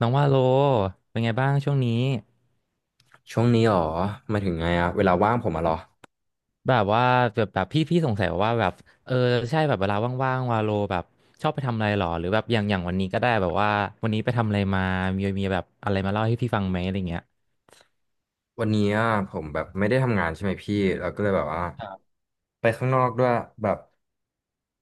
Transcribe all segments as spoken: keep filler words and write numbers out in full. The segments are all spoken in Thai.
น้องว่าโลเป็นไงบ้างช่วงนี้ช่วงนี้หรอหมายถึงไงอะเวลาว่างผมอะเหรอ แบบว่าแบบแบบพี่พี่สงสัยว่าแบบเออใช่แบบเวลาว่างๆวาโลแบบชอบไปทำอะไรหรอหรือแบบอย่างอย่างวันนี้ก็ได้แบบว่าวันนี้ไปทำอะไรมามีมีแบบอะไรมาเล่าให้พี่ฟังไหมอะไรเงี้ยวันนี้อะผมแบบไม่ได้ทำงานใช่ไหมพี่เราก็เลยแบบว่าไปข้างนอกด้วยแบบ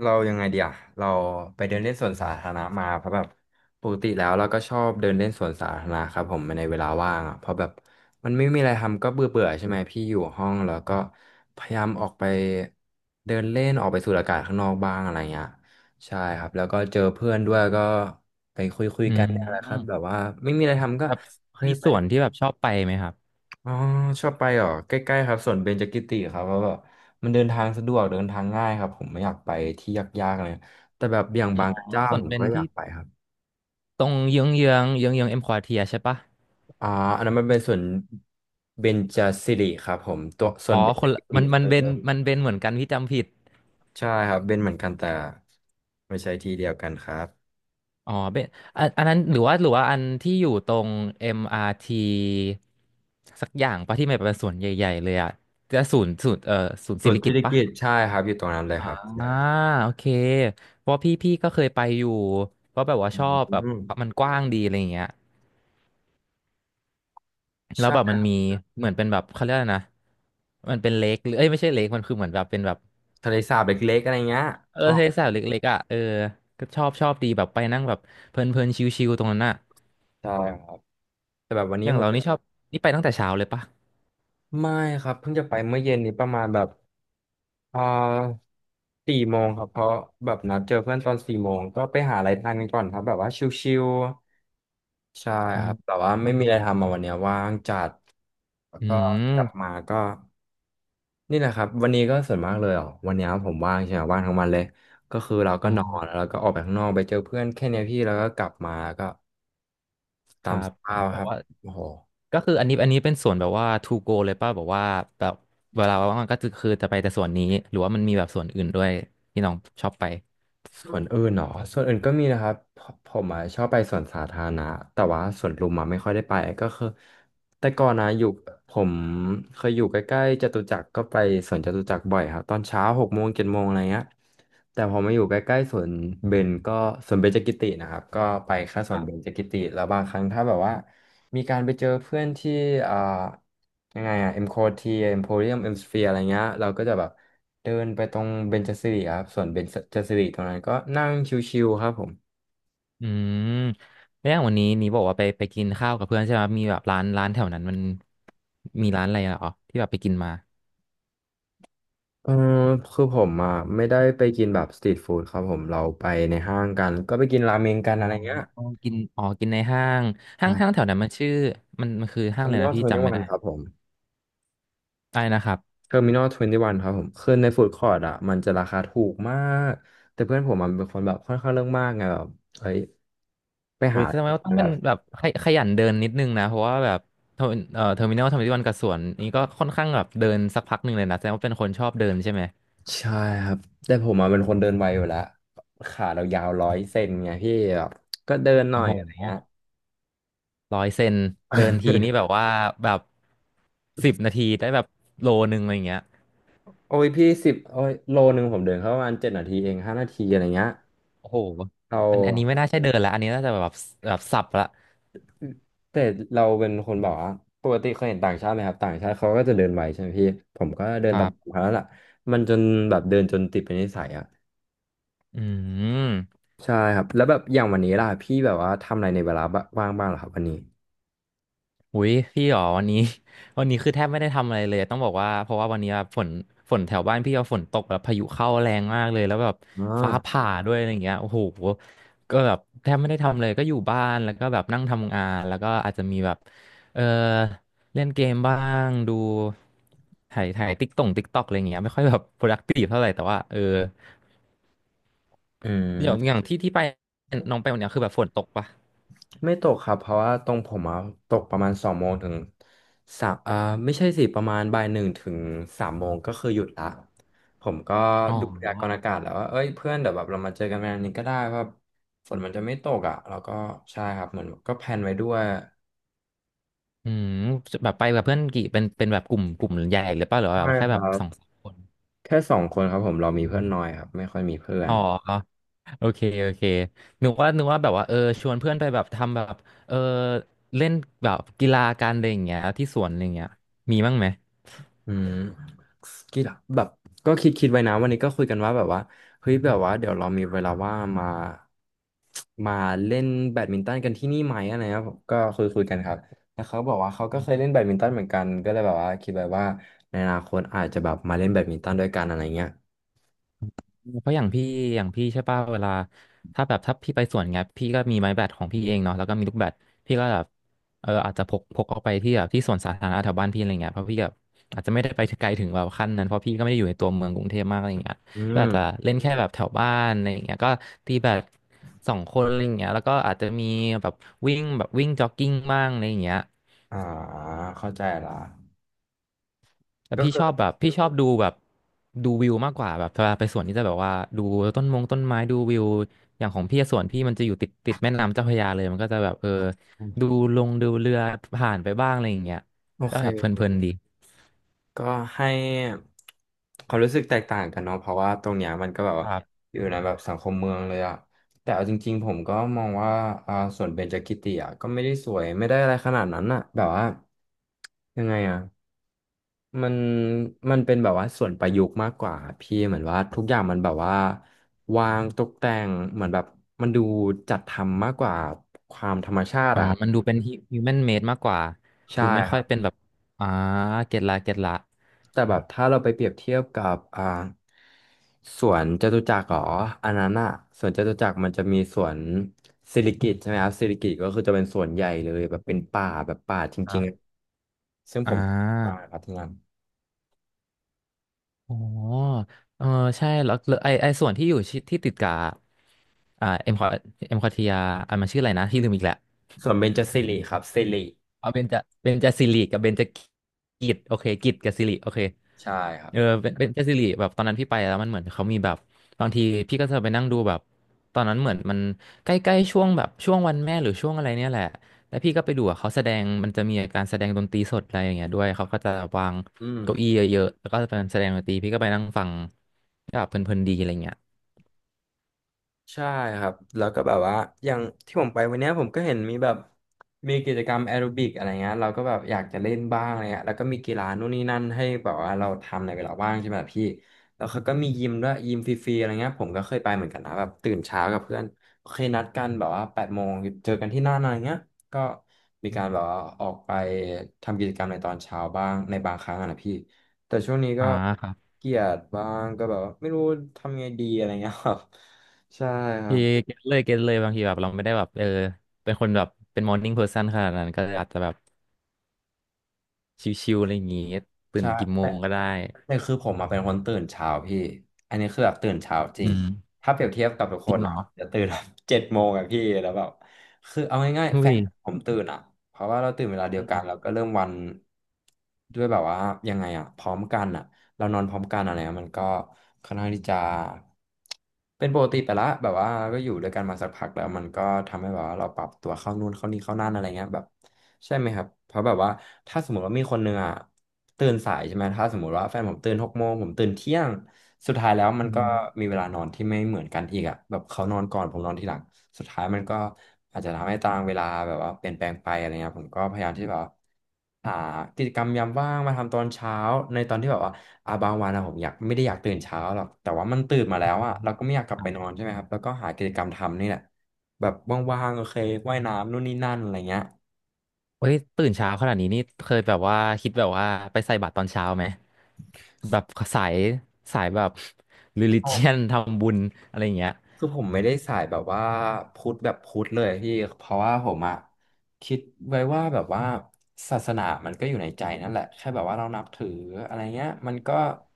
เรายังไงเดียเราไปเดินเล่นสวนสาธารณะมาเพราะแบบปกติแล้วเราก็ชอบเดินเล่นสวนสาธารณะครับผมในเวลาว่างอ่ะเพราะแบบมันไม่มีอะไรทำก็เบื่อเบื่อใช่ไหมพี่อยู่ห้องแล้วก็พยายามออกไปเดินเล่นออกไปสูดอากาศข้างนอกบ้างอะไรเงี้ยใช่ครับแล้วก็เจอเพื่อนด้วยก็ไปคุยคุยอืกันเนี่ยแหละครับแบมบว่าไม่มีอะไรทำก็แบบเคยมีไป ส่วนที่แบบชอบไปไหมครับอ๋อชอบไปเหรอใกล้ๆครับสวนเบญจกิติครับเพราะแบบมันเดินทางสะดวกเดินทางง่ายครับผมไม่อยากไปที่ยากๆอะไรแต่แบบอย่างอ๋อบางกระเจ้าส่วผนมเป็นก็อยาที่กไปครับตรงเยื้องเยื้องเยื้องเยื้องเอ็มควอเทียใช่ปะอ่าอันนั้นมันเป็นสวนเบญจสิริครับผมตัวส่วนอ๋อเบญคจนละกิติมันมัเอนอเป็นมันเป็นเหมือนกันพี่จำผิด ใช่ครับเป็นเหมือนกันแต่ไม่ใช่ที่เดียวกันครับอ๋อเป็นอันอันนั้นหรือว่าหรือว่าอันที่อยู่ตรง เอ็ม อาร์ ที สักอย่างปะที่มันเป็นสวนใหญ่ๆเลยอะจะศูนย์ศูนย์เอ่อศูนย์สสิวนริสิกิติ์ริปะกิติ์ใช่ครับอยู่ตรงนั้นเลยครับใช่อ่าโอเคเพราะพี่พี่ก็เคยไปอยู่เพราะแบบว่าอืชอบแบบมมันกว้างดีอะไรอย่างเงี้ยแล้วใช่แบบคมัรันมีบเหมือนเป็นแบบเขาเรียกอะไรนะมันเป็นเลคหรือเอ้ยไม่ใช่เลคมันคือเหมือนแบบเป็นแบบทะเลสาบเล็กๆอะไรเงี้ยเออชอบทะเลสาบเล็กๆอ่ะเออก็ชอบชอบดีแบบไปนั่งแบบเพลินๆชิลๆตรงนั้นอะใช่ครับแต่แบบวันอนี้ย่างผเรามนี่ชอบนี่ไปตั้งแต่เช้าเลยปะไม่ครับเพิ่งจะไปเมื่อเย็นนี้ประมาณแบบ อ่าสี่โมงครับเพราะแบบนัดเจอเพื่อนตอนสี่โมงก็ไปหาอะไรทานกันก่อนครับแบบว่าชิลๆใช่อ๋ครับแต่ว่าอ ไม่มีอะไรทำมาวันเนี้ยว่างจัดแล้วอืก็กลับมมาก็นี่แหละครับวันนี้ก็ส่วนมากเลยอ่ะวันเนี้ยผมว่างใช่ไหมว่างทั้งวันเลยก็คือเราอ๋ก็อนอนแล้วก็ออกไปข้างนอกไปเจอเพื่อนแค่เนี้ยพี่แล้วก็กลับมาก็คตารัมสบภาพแบคบรับว่าโอ้โห ก็คืออันนี้อันนี้เป็นส่วนแบบว่า to go เลยป่ะแบบว่าแบบเวลาว่างๆก็จะคือจะไปแต่ส่วนนี้หรือว่ามันมีแบบส่วนอื่นด้วยที่น้องชอบไปส่วนอื่นเหรอส่วนอื่นก็มีนะครับผผมอะชอบไปสวนสาธารณะแต่ว่าสวนลุมอะไม่ค่อยได้ไปก็คือแต่ก่อนนะอยู่ผมเคยอยู่ใกล้ๆจตุจักรก็ไปสวนจตุจักรบ่อยครับตอนเช้าหกโมงเจ็ดโมงอะไรเงี้ยแต่พอมาอยู่ใกล้ๆสวนเบญก็สวนเบญจกิตินะครับก็ไปแค่สควนรัเบญบจกิติแล้วบางครั้งถ้าแบบว่า มีการไปเจอเพื่อนที่อ่ายังไงอ่ะเอ็มโคทีเอ็มโพเรียมเอ็มสเฟียอะไรเงี้ยเราก็จะแบบเดินไปตรงเบญจสิริครับส่วนเบญจสิริตรงนั้นก็นั่งชิวๆครับผมอืมแล้วอย่างวันนี้นี้บอกว่าไปไปกินข้าวกับเพื่อนใช่ไหมมีแบบร้านร้านแถวนั้นมันมีร้านอะไรเหรอที่แบบไปกินมาเออคือผมอ่ะไม่ได้ไปกินแบบสตรีทฟู้ดครับผมเราไปในห้างกันก็ไปกินราเมงกันอ๋ออะไรเงี้ยอ๋อกินอ๋อกินในห้างคห้างรัห้างแถบวนั้นมันชื่อมันมันคือเทห้าองร์อะมิไรนอนะลทพี่เวนตี้จำวัไม่นได้ครับผมอะไรนะครับ เทอร์มินอลทเวนตี้วันครับผมคือในฟู้ดคอร์ทอ่ะมันจะราคาถูกมากแต่เพื่อนผมมันเป็นคนแบบค่อนข้างเรื่องมากไงแบบเฮ้ยไปเฮ้หา ยแสดงว่าต้องเป็นแบบขยขยันเดินนิดนึงนะเพราะว่าแบบเทอร์เอ่อเทอร์มินอลทำที่วันกับสวนนี้ก็ค่อนข้างแบบเดินสักพักหนึ่งเลยนะแสดงว่าเป็นคนชอบเดินใช่ไหมใช่ครับแต่ผมอ่ะเป็นคนเดินไวอยู่แล้วขาเรายาวร้อยเซนไงพี่แบบก็เดินหโอ้น่อยโหอะไรเงี้ย ร้อยเซนเดินทีนี่แบ บว่าแบบสิบนาทีได้แบบโลนึงอะไรอย่างเงี้ยโอ้ยพี่สิบโอ้ยโลหนึ่งผมเดินเข้าประมาณเจ็ดนาทีเองห้านาทีอะไรเงี้ยโอ้โหเราอันอันนี้ไม่น่าใช่เดินละอันนี้น่าจะแบบแบบสับละแต่เราเป็นคนบอกว่าปกติเคยเห็นต่างชาติไหมครับต่างชาติเขาก็จะเดินไวใช่ไหมพี่ผมก็เดิคนตารัมบเขาแล้วล่ะมันจนแบบเดินจนติดเป็นนิสัยอ่ะอืม ใช่ครับแล้วแบบอย่างวันนี้ล่ะพี่แบบว่าทำอะไรในเวลาบ้างบ้างเหรอครับวันนี้อุ้ยพี่หรอวันนี้ วันนี้คือแทบไม่ได้ทำอะไรเลยต้องบอกว่าเพราะว่าวันนี้แบบฝนฝนแถวบ้านพี่เอาฝนตกแบบพายุเข้าแรงมากเลยแล้วแบบอ๋อฟ้าผ่าด้วยอะไรอย่างเงี้ยโอ้โหก็แบบแทบไม่ได้ทำเลยก็อยู่บ้านแล้วก็แบบนั่งทำงานแล้วก็อาจจะมีแบบเออเล่นเกมบ้างดูถ่ายถ่ายติ๊กต่งติ๊กตอกอะไรอย่างเงี้ยไม่ค่อยแบบ productive เท่าไหร่แต่ว่าเอออือย่างอม ย่างที่ที่ไปน้องไปวันเนี้ยคือแบบฝนตกปะไม่ตกครับเพราะว่าตรงผมอะตกประมาณสองโมงถึงสามอ่าไม่ใช่สิประมาณบ่ายหนึ่งถึงสามโมงก็คือหยุดละผมก็อ๋อ ดูพยากรณ์อากาศแล้วว่าเอ้ยเพื่อนเดี๋ยวแบบเรามาเจอกันวันนี้ก็ได้ว่าฝนมันจะไม่ตกอ่ะแล้วก็ใช่ครับเหมือนก็แพลนไว้ด้วยอืมแบบไปกับเพื่อนกี่เป็นเป็นแบบกลุ่มกลุ่มใหญ่หรือเปล่าหรือว่าแบใช่บแค่คแบรับสองบสามคนแค่สองคนครับผมเรามีเพื่อนน้อยครับไม่ค่อยมีเพื่อน อ๋อโอเคโอเคนึกว่านึกว่าแบบว่าเออชวนเพื่อนไปแบบทำแบบเออเล่นแบบกีฬาการอะไรอย่างเงี้ยที่สวนอะไรอย่างเงี้ยมีบ้างไหม อืมกีฬาแบบก็คิดคิดไว้นะวันนี้ก็คุยกันว่าแบบว่าเฮ้ยแบบว่าเดี๋ยวเรามีเวลาว่างมามาเล่นแบดมินตันกันที่นี่ไหมอะไรนะก็คุยคุยกันครับแล้วเขาบอกว่าเขาก็เคยเล่นแบดมินตันเหมือนกันก็เลยแบบว่าคิดไว้ว่าในอนาคตอาจจะแบบมาเล่นแบดมินตันด้วยกันอะไรเงี้ยเพราะอย่างพี่อย่างพี่ใช่ป่ะเวลาถ้าแบบถ้าพี่ไปสวนเงี้ยพี่ก็มีไม้แบดของพี่เองเนาะแล้วก็มีลูกแบดพี่ก็แบบเอออาจจะพกพกออกไปที่แบบที่สวนสาธารณะแถวบ้านพี่อะไรเงี้ยเพราะพี่แบบอาจจะไม่ได้ไปถึงไกลถึงแบบขั้นนั้นเพราะพี่ก็ไม่ได้อยู่ในตัวเมืองกรุงเทพมากอะไรเงี้ยอืก็มอาจจะเล่นแค่แบบแถวบ้านอะไรเงี้ยก็ตีแบดสองคนอะไรเงี้ยแล้วก็อาจจะมีแบบวิ่งแบบวิ่งจ็อกกิ้งบ้างอะไรเงี้ย อ่าเข้าใจละแต่ก็พี่ชอบคืแบบพี่ชอบดูแบบดูวิวมากกว่าแบบเวลาไปสวนนี่จะแบบว่าดูต้นมงต้นไม้ดูวิวอย่างของพี่อะสวนพี่มันจะอยู่ติดติดแม่น้ำเจ้าพระยาเลยมันก็จะแบบเอออดูลงดูเรือผ่านไปบ้างอะไรอย่างเงี้ยโอก็เค แบบเพลินๆดีก็ให้ความรู้สึกแตกต่างกันเนาะเพราะว่าตรงเนี้ยมันก็แบบคว่ารับอยู่ในแบบสังคมเมืองเลยอะแต่เอาจริงๆผมก็มองว่าอ่าส่วนเบญจกิติอะก็ไม่ได้สวยไม่ได้อะไรขนาดนั้นอะแบบว่ายังไงอะมันมันเป็นแบบว่าส่วนประยุกต์มากกว่าพี่เหมือนว่าทุกอย่างมันแบบว่าวางตกแต่งเหมือนแบบมันดูจัดทำมากกว่าความธรรมชาติอ๋ออะครัมันบดูเป็นฮิวแมนเมดมากกว่าใช่ดูไม่คค่รัอยบ เป็นแบบอ่าเก็ตละเก็ตละแต่แบบถ้าเราไปเปรียบเทียบกับอ่าสวนจตุจักรหรออันนั้นอะสวนจตุจักรมันจะมีสวนสิริกิติ์ใช่ไหมครับสิริกิติ์ก็คือจะเป็นสวนใหญ่เลยแบบเป็นป่าแบบป่าจคริรังๆอะบซึ่งอ่ผมชอบมากาครับที่นั่นอ๋อเออใช่แล้วแล้วไอไอส่วนที่อยู่ชิที่ติดกับอ่าเอ็มคอเอ็มคอทียอมันชื่ออะไรนะที่ลืมอีกแหล้ว ส่วนเบญจสิริครับสิริเอาเบญจเบญจสิริกับเบญจกิจโอเคกิจกับสิริโอเคใช่ครับเออเบญเบญจสิริแบบตอนนั้นพี่ไปแล้วมันเหมือนเขามีแบบบางทีพี่ก็จะไปนั่งดูแบบตอนนั้นเหมือนมันใกล้ๆช่วงแบบช่วงวันแม่หรือช่วงอะไรเนี่ยแหละแล้วพี่ก็ไปดูอะเขาแสดงมันจะมีการแสดงดนตรีสดอะไรอย่างเงี้ยด้วยเขาก็จะวางอืม เก้าอี้เยอะๆแล้วก็เป็นแสดงดนตรีพี่ก็ไปนั่งฟังก็แบบเพลินๆดีอะไรเงี้ยใช่ครับแล้วก็แบบว่าอย่างที่ผมไปวันเนี้ยผมก็เห็นมีแบบมีกิจกรรมแอโรบิกอะไรเงี้ยเราก็แบบอยากจะเล่นบ้างอะไรเงี้ยแล้วก็มีกีฬานู่นนี่นั่นให้แบบว่าเราทำในเวลาว่างใช่ไหมล่ะพี่แล้วเขาก็มียิมด้วยยิมฟรีๆอะไรเงี้ยผมก็เคยไปเหมือนกันนะแบบตื่นเช้ากับเพื่อนเคยนัดกันแบบว่าแปดโมงเจอกันที่นั่นอะไรเงี้ยก็มีการแบบว่าออกไปทำกิจกรรมในตอนเช้าบ้างในบางครั้งอะนะพี่แต่ช่วงนี้ก็อ่าครับเกลียดบ้างก็แบบว่าไม่รู้ทำไงดีอะไรเงี้ยครับ ใช่ครัพี่บเก็ตเลยเก็ตเลยบางทีแบบเราไม่ได้แบบเออเป็นคนแบบเป็นมอร์นิ่งเพอร์ซันขนาดนั้นก็อาจจะแบบ ชิวๆอะไรอย่างงี้ตื่นใช่กี่โมแต่งก็ได้แต่คือผมมาเป็นคนตื่นเช้าพี่อันนี้คือแบบตื่นเช้าจริอืงมถ้าเปรียบเทียบกับทุกจครินงเหรอ่ะอจะตื่นแบบ เจ็ดโมงอะพี่แล้วแบบคือเอาง่ายอุ้ๆแฟยนผมตื่นอ่ะเพราะว่าเราตื่นเวลาเดียอืวกันแล้วมก็เริ่มวันด้วยแบบว่ายังไงอ่ะพร้อมกันอ่ะเรานอนพร้อมกันอะไรเงี้ยมันก็ค่อนข้างที่จะเป็นปกติไปละแบบว่าก็อยู่ด้วยกันมาสักพักแล้วมันก็ทำให้แบบว่าเราปรับตัวเข้านู่นเข้านี่เข้านั่นอะไรเงี้ยแบบ ใช่ไหมครับ เพราะแบบว่าถ้าสมมติว่ามีคนหนึ่งอ่ะตื่นสายใช่ไหมถ้าสมมติว่าแฟนผมตื่นหกโมงผมตื่นเที่ยงสุดท้ายแล้วมัอืนก็มีมเวลานอนที่ไม่เหมือนกันอีกอ่ะแบบเขานอนก่อนผมนอนทีหลังสุดท้ายมันก็อาจจะทำให้ตารางเวลาแบบว่าเปลี่ยนแปลงไปอะไรเงี้ยผมก็พยายามที่แบบว่าหากิจกรรมยามว่างมาทำตอนเช้าในตอนที่แบบว่าอาบางวันอะผมอยากไม่ได้อยากตื่นเช้าหรอกแต่ว่ามันตื่นมาแล้วอ่ะเราก็ไม่อยากกลับคไปรับนอนใช่ไหมครับแล้วก็หากิจกรรมทำนี่แหละแบบว่างๆโอเคว่ายน้ำนู่นนี่นั่นอะไรเงี้ย เฮ้ยตื่นเช้าขนาดนี้นี่เคยแบบว่าคิดแบบว่าไปใส่บาตรตอนเช้าไหมแบบสายสายแบบ religion ทำบุญอะไรอย่างเงี้ยคือผมไม่ได้สายแบบว่าพุทธแบบพุทธเลยพี่เพราะว่าผมอะคิดไว้ว่าแบบว่าศาสนามันก็อยู่ในใจนั่นแหละแค่แบบว่าเรานับถืออะไรเงี้ยมันก็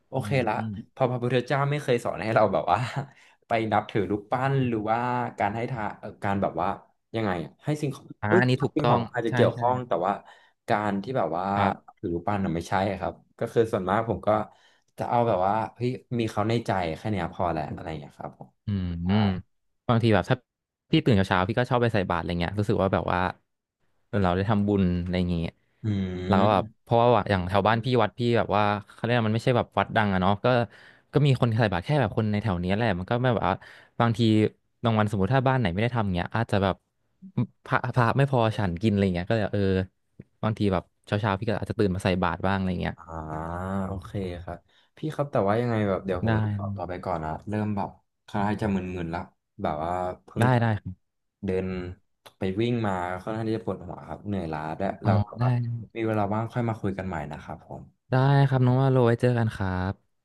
โออืเคมละอืมเพอพระพุทธเจ้าไม่เคยสอนให้เราแบบว่า ไปนับถือรูปปั้นหรือว่าการให้ทานเอ่อการแบบว่ายังไงอะให้สิ่งของอ่าเอ้ยอันนี้ถูกสิ่งต้ขอองงอาจจะใช่เกี่ยวใช่ข้องแต่ว่าการที่แบบว่าครับถือรูปปั้นน่ะไม่ใช่ครับก็คือส่วนมากผมก็จะเอาแบบว่าเฮ้ยมีเขาในใจแค่เนี้ยพอแหละอะไรอย่างเงี้ยครับผม อืมอืมบางทีแบบถ้าพี่ตื่นเช้าๆพี่ก็ชอบไปใส่บาตรอะไรเงี้ยรู้สึกว่าแบบว่า เอเราได้ทำบุญอะไรอย่างเงี้ยอืเราก็แบบมเพราะว่าอย่างแถวบ้านพี่วัดพี่แบบว่าเขาเรียกว่ามันไม่ใช่แบบวัดดังอะเนาะก็ก็มีคนใส่บาตรแค่แบบคนในแถวเนี้ยแหละมันก็ไม่แบบว่าบางทีบางวันสมมติถ้าบ้านไหนไม่ได้ทำเงี้ยอาจจะแบบพระพระไม่พอฉันกินอะไรเงี้ยก็เลยเออบางทีแบบเช้าเช้าพี่ก็อาจจะตื่นมาใส่บาตรบ้างอะไรเงี้ยอ่าโอเคครับ พี่ครับแต่ว่ายังไงแบบเดี๋ยวผได้มตอขอตัวไปก่อนนะเริ่มแบบคล้ายจะมึนๆแล้วแบบว่าเพิ่งได้ได้ครับเดินไปวิ่งมาค่อนข้างที่จะปวดหัวครับเหนื่อยล้าด้วยอ๋อเราแบบได้ว่ามีเวลาว่างค่อยมาคุยกันใหม่นะครับผมได้ครับน้องว่าโรไว้เจอกันครับ